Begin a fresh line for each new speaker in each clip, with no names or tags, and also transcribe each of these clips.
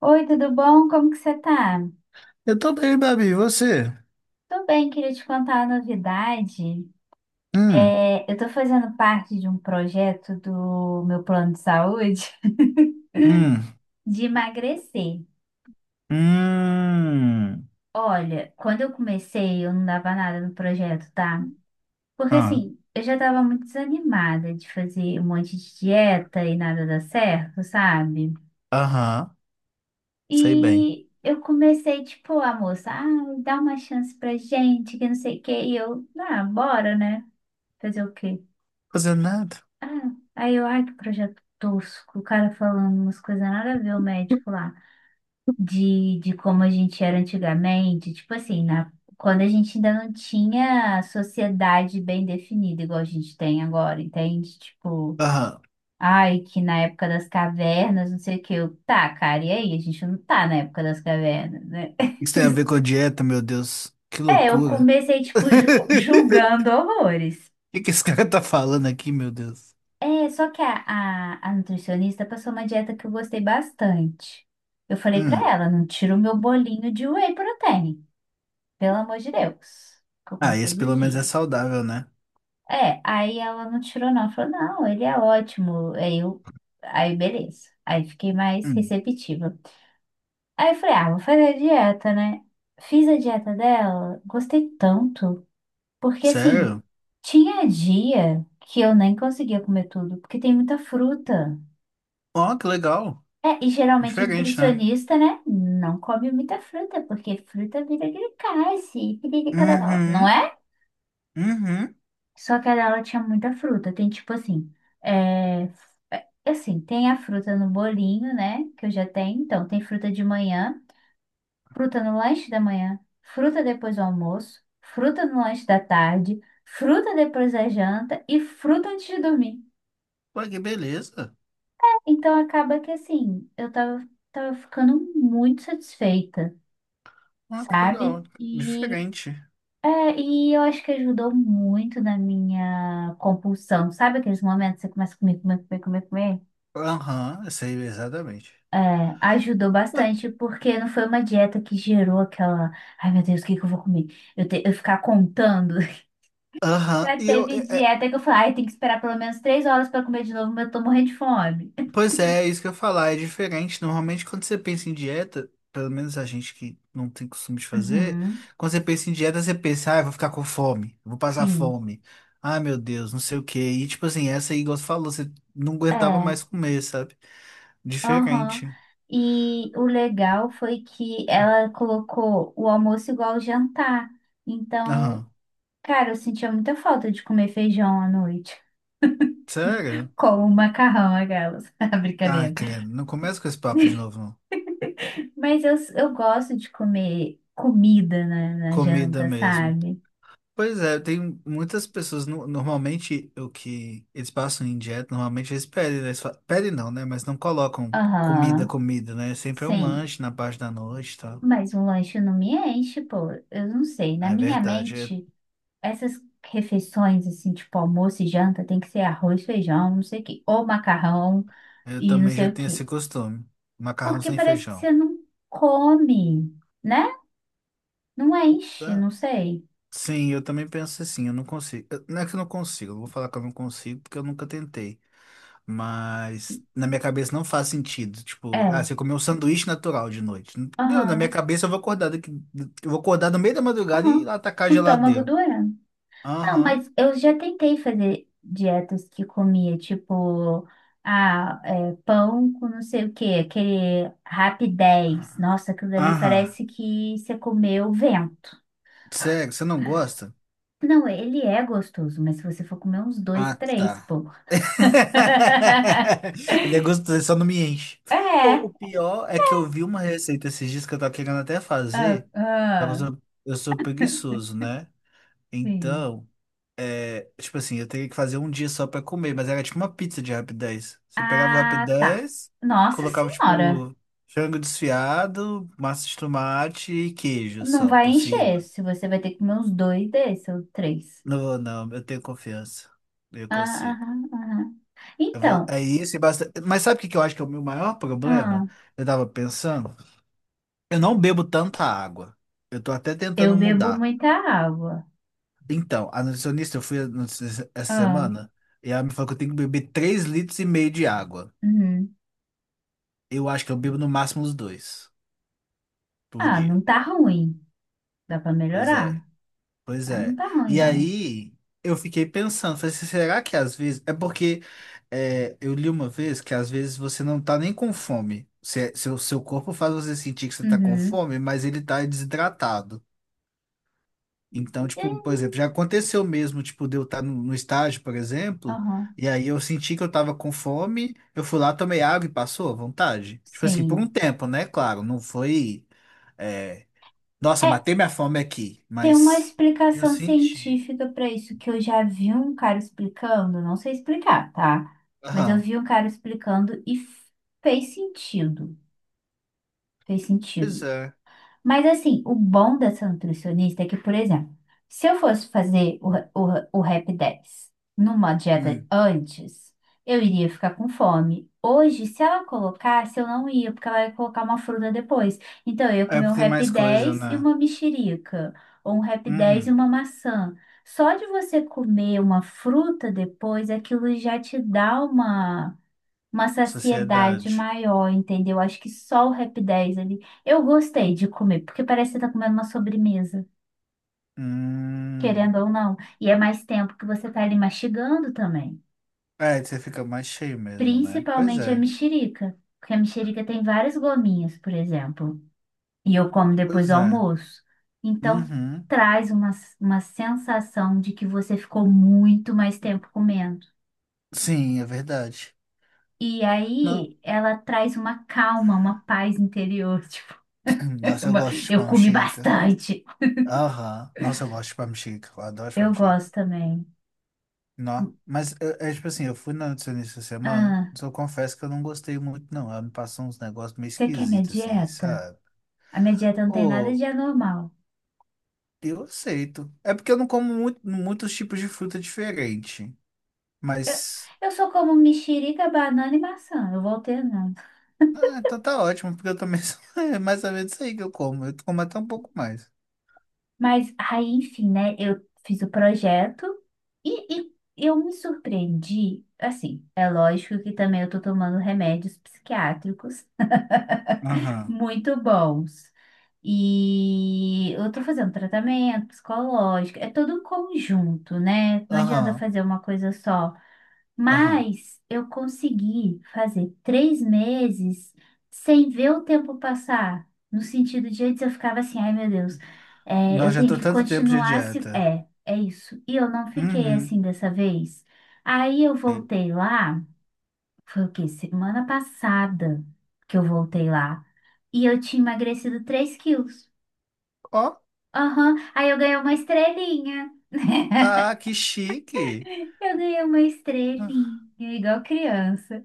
Oi, tudo bom? Como que você tá?
Eu tô bem, Babi. E você?
Tô bem, queria te contar uma novidade.
Hum,
É, eu tô fazendo parte de um projeto do meu plano de saúde
hum,
de emagrecer.
hum.
Olha, quando eu comecei, eu não dava nada no projeto, tá? Porque
Ah,
assim, eu já tava muito desanimada de fazer um monte de dieta e nada dar certo, sabe?
aham, sei bem.
E eu comecei, tipo, a moça, ah, dá uma chance pra gente, que não sei o quê. E eu, ah, bora, né? Fazer o quê?
Fazendo nada.
Ah, aí eu, ai, que projeto tosco. O cara falando umas coisas nada a ver, o médico lá, de como a gente era antigamente. Tipo assim, na, quando a gente ainda não tinha sociedade bem definida, igual a gente tem agora, entende? Tipo,
Aham.
ai, que na época das cavernas, não sei o quê. Eu, tá, cara, e aí? A gente não tá na época das cavernas, né?
Isso tem a ver com a dieta, meu Deus. Que
É, eu
loucura.
comecei, tipo, julgando horrores.
O que que esse cara tá falando aqui, meu Deus?
É, só que a nutricionista passou uma dieta que eu gostei bastante. Eu falei pra
Hum.
ela, não tira o meu bolinho de whey protein, pelo amor de Deus, que eu
Ah,
como
esse
todo
pelo menos é
dia.
saudável, né?
É, aí ela não tirou não, ela falou, não, ele é ótimo. Aí eu, aí beleza. Aí fiquei mais
Hum.
receptiva. Aí eu falei, ah, vou fazer a dieta, né? Fiz a dieta dela, gostei tanto, porque assim,
Sério?
tinha dia que eu nem conseguia comer tudo, porque tem muita fruta.
Ó, que legal.
É, e geralmente o
Diferente, né?
nutricionista, né, não come muita fruta, porque fruta vira glicase, e piricororó, não
Uhum,
é?
uhum.
Só que ela tinha muita fruta, tem tipo assim, é, f- é, assim, tem a fruta no bolinho, né, que eu já tenho, então tem fruta de manhã, fruta no lanche da manhã, fruta depois do almoço, fruta no lanche da tarde, fruta depois da janta e fruta antes de dormir.
Pô, que beleza.
Então acaba que assim, eu tava, tava ficando muito satisfeita,
Ó, que
sabe?
legal.
E,
Diferente.
é, e eu acho que ajudou muito na minha compulsão, sabe aqueles momentos que você começa a comer, comer, comer, comer, comer?
Aham, eu sei exatamente.
É, ajudou bastante, porque não foi uma dieta que gerou aquela, ai meu Deus, o que que eu vou comer? Eu, eu ficar contando.
Aham.
Já teve dieta que eu falei, ai, tem que esperar pelo menos 3 horas para comer de novo, mas eu tô morrendo de fome.
Pois é, é isso que eu ia falar, é diferente. Normalmente, quando você pensa em dieta, pelo menos a gente que não tem costume de fazer,
Uhum,
quando você pensa em dieta, você pensa, ah, eu vou ficar com fome, eu vou passar
sim.
fome, ah, meu Deus, não sei o quê. E tipo assim, essa aí, igual você falou, você não aguentava mais
É.
comer, sabe?
Aham.
Diferente.
E o legal foi que ela colocou o almoço igual ao jantar. Então,
Aham.
cara, eu sentia muita falta de comer feijão à noite.
Sério?
Com macarrão, aquelas.
Ah,
Brincadeira.
credo, não começa com esse papo de novo, não.
Mas eu gosto de comer comida na
Comida
janta,
mesmo.
sabe?
Pois é, tem muitas pessoas, normalmente o que eles passam em dieta, normalmente eles pedem, né? Eles pedem não, né? Mas não colocam comida,
Aham.
comida, né? Sempre é um
Sim.
lanche na parte da noite e tal.
Mas um lanche não me enche, pô. Eu não sei. Na
É
minha
verdade, eu,
mente, essas refeições, assim, tipo almoço e janta, tem que ser arroz, feijão, não sei o quê. Ou macarrão.
eu
E não
também
sei
já
o
tenho
quê.
esse costume. Macarrão
Porque
sem
parece que
feijão.
você não come, né? Não enche,
Ah,
não sei.
sim, eu também penso assim, eu não consigo. Não é que eu não consigo, eu vou falar que eu não consigo porque eu nunca tentei. Mas na minha cabeça não faz sentido. Tipo, ah,
É,
você comeu um sanduíche natural de noite. Meu, na minha
aham,
cabeça eu vou acordar daqui, eu vou acordar no meio da madrugada e ir
aham.
lá atacar a
O estômago
geladeira.
doendo. Não,
Aham,
mas eu já tentei fazer dietas que comia, tipo, ah, é, pão com não sei o quê, aquele Rapidez. Nossa, aquilo ali
aham.
parece que você comeu vento.
Sério, você não gosta?
Não, ele é gostoso, mas se você for comer uns dois,
Ah,
três,
tá.
pô.
Ele é gostoso, só não me enche.
É.
O pior é que eu vi uma receita esses dias que eu tava querendo até
Ah,
fazer, só que eu
ah,
sou, eu sou preguiçoso, né?
sim.
Então, tipo assim, eu teria que fazer um dia só pra comer, mas era tipo uma pizza de rapidez. Você pegava o
Ah, tá.
rapidez,
Nossa
colocava
senhora,
tipo frango desfiado, massa de tomate e queijo
não
só
vai
por
encher.
cima.
Se você vai ter que comer uns dois desses, ou três.
Não, vou, não, eu tenho confiança. Eu
Ah,
consigo.
aham, aham.
Eu vou,
Então,
é isso e basta. Mas sabe o que que eu acho que é o meu maior problema?
ah,
Eu tava pensando, eu não bebo tanta água. Eu tô até
eu
tentando
bebo
mudar.
muita água.
Então, a nutricionista, eu fui a nutricionista essa
Ah,
semana e ela me falou que eu tenho que beber 3,5 litros de água.
uhum.
Eu acho que eu bebo no máximo os dois por
Ah,
dia.
não tá ruim. Dá pra
Pois é,
melhorar,
pois
mas não
é.
tá ruim,
E
não.
aí eu fiquei pensando, falei assim, será que às vezes. É porque, eu li uma vez que às vezes você não tá nem com fome. Seu corpo faz você sentir que você tá com
Uhum.
fome, mas ele tá desidratado. Então,
É,
tipo, por exemplo, já aconteceu mesmo, tipo, de eu estar no estágio, por exemplo,
aham,
e aí eu senti que eu tava com fome, eu fui lá, tomei água e passou à vontade. Tipo assim, por um
sim.
tempo, né? Claro, não foi. é, Nossa,
É,
matei minha fome aqui,
tem uma
mas eu
explicação
senti.
científica para isso que eu já vi um cara explicando, não sei explicar, tá? Mas eu
Aham.
vi um cara explicando e fez sentido. Fez
Pois
sentido.
é.
Mas assim, o bom dessa nutricionista é que, por exemplo, se eu fosse fazer o Rap 10 numa dieta
Hum.
antes, eu iria ficar com fome. Hoje, se ela colocasse, eu não ia, porque ela ia colocar uma fruta depois. Então, eu ia
É
comer um
porque tem
Rap
mais coisa,
10 e
né?
uma mexerica, ou um Rap 10 e
Hum.
uma maçã. Só de você comer uma fruta depois, aquilo já te dá uma saciedade
Sociedade.
maior, entendeu? Acho que só o Rap 10 ali. Eu gostei de comer, porque parece que você tá comendo uma sobremesa,
Hum.
querendo ou não. E é mais tempo que você tá ali mastigando também.
É, você fica mais cheio mesmo, né? Pois
Principalmente a
é.
mexerica, porque a mexerica tem várias gominhas, por exemplo. E eu como depois
Pois
do
é.
almoço. Então,
Uhum.
traz uma sensação de que você ficou muito mais tempo comendo.
Sim, é verdade.
E
Não.
aí, ela traz uma calma, uma paz interior.
Nossa, eu gosto de
Eu
pão
comi
mexica.
bastante.
Aham. Nossa, eu gosto de pão mexica. Eu adoro pão
Eu
mexica.
gosto também.
Não. Mas é tipo assim, eu fui na nutricionista essa semana,
Ah,
mas eu confesso que eu não gostei muito, não. Ela me passou uns negócios meio
você quer minha
esquisitos, assim,
dieta?
sabe?
A minha dieta não tem nada
Ô,
de anormal.
eu aceito. É porque eu não como muitos tipos de fruta diferente.
Eu,
Mas.
eu só como mexerica, banana e maçã. Eu vou alternando.
Ah, então tá ótimo, porque eu também sou é mais ou menos isso aí que eu como. Eu como até um pouco mais.
Mas aí, enfim, né? Eu fiz o projeto e eu me surpreendi. Assim, é lógico que também eu tô tomando remédios psiquiátricos
Aham.
muito bons. E eu tô fazendo tratamento psicológico, é todo um conjunto, né? Não adianta
Aham,
fazer uma coisa só.
aham.
Mas eu consegui fazer 3 meses sem ver o tempo passar. No sentido de antes eu ficava assim, ai meu Deus, é,
Nós
eu
já
tenho
tô
que
tanto tempo de
continuar se.
dieta.
É, é isso. E eu não fiquei
Uhum.
assim dessa vez. Aí eu
É.
voltei lá, foi o quê? Semana passada que eu voltei lá. E eu tinha emagrecido 3 quilos.
Ó,
Aham, aí eu ganhei uma estrelinha.
ah, que chique.
Eu ganhei uma estrelinha, igual criança.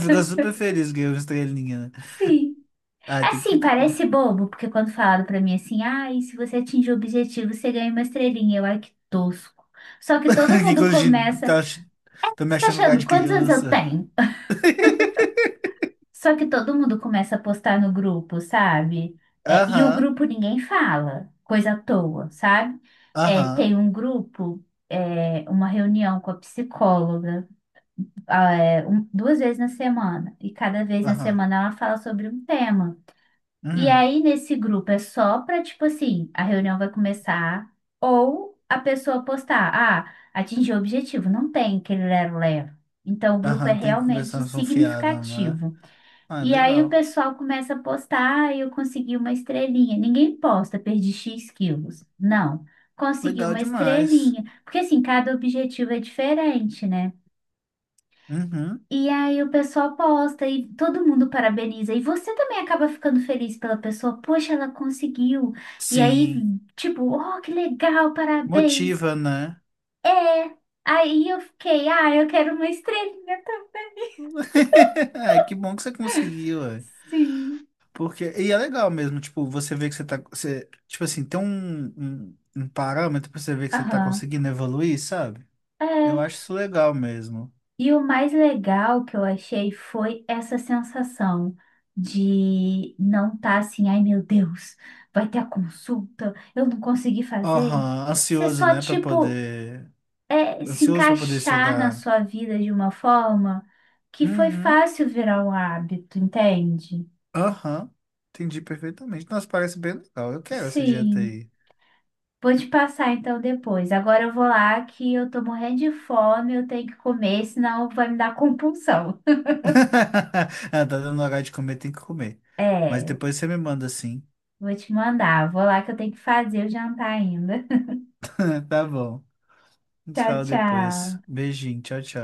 Ficou super feliz que eu estrelinha, né?
Sim.
Ah, tem que
Assim,
ficar
parece
mesmo.
bobo, porque quando falaram pra mim assim, ah, e se você atingir o objetivo, você ganha uma estrelinha. Eu, ai, que tosco. Só que todo
Que
mundo
quando a gente
começa.
tá, tô me
Você tá
achando lugar
achando
de
quantos anos eu
criança.
tenho? Só que todo mundo começa a postar no grupo, sabe? É, e o
Aham,
grupo ninguém fala, coisa à toa, sabe? É,
aham,
tem um grupo, é, uma reunião com a psicóloga. Ah, é, duas vezes na semana. E cada vez na
aham.
semana ela fala sobre um tema. E
Uhum.
aí, nesse grupo, é só para, tipo assim, a reunião vai começar, ou a pessoa postar, ah, atingiu o objetivo, não tem aquele lero-lero. Então, o grupo é
Aham, tem
realmente
conversação fiada, né?
significativo.
Ah,
E aí, o
legal.
pessoal começa a postar, ah, eu consegui uma estrelinha. Ninguém posta, perdi X quilos. Não, consegui
Legal
uma
demais.
estrelinha. Porque, assim, cada objetivo é diferente, né?
Uhum.
E aí o pessoal posta e todo mundo parabeniza. E você também acaba ficando feliz pela pessoa. Poxa, ela conseguiu. E aí,
Sim.
tipo, oh, que legal, parabéns.
Motiva, né?
É. Aí eu fiquei, ah, eu quero uma estrelinha também.
É, que bom que você conseguiu, ué.
Sim.
Porque, e é legal mesmo, tipo, você vê que você tá, você, tipo assim, tem um parâmetro pra você ver que você tá
Aham.
conseguindo evoluir, sabe? Eu
É.
acho isso legal mesmo.
E o mais legal que eu achei foi essa sensação de não estar assim, ai meu Deus, vai ter a consulta, eu não consegui fazer.
Aham,
Você
ansioso,
só,
né, pra
tipo,
poder,
é, se
ansioso pra poder
encaixar na
chegar.
sua vida de uma forma que foi
Uhum.
fácil virar um hábito, entende?
Aham, entendi perfeitamente. Nossa, parece bem legal. Eu quero essa dieta
Sim,
aí.
vou te passar então depois. Agora eu vou lá que eu tô morrendo de fome, eu tenho que comer, senão vai me dar compulsão.
Ah, tá dando hora de comer, tem que comer.
É,
Mas
eu
depois você me manda sim.
vou te mandar. Vou lá que eu tenho que fazer o jantar ainda.
Tá bom. A gente se
Tchau,
fala depois.
tchau.
Beijinho, tchau, tchau.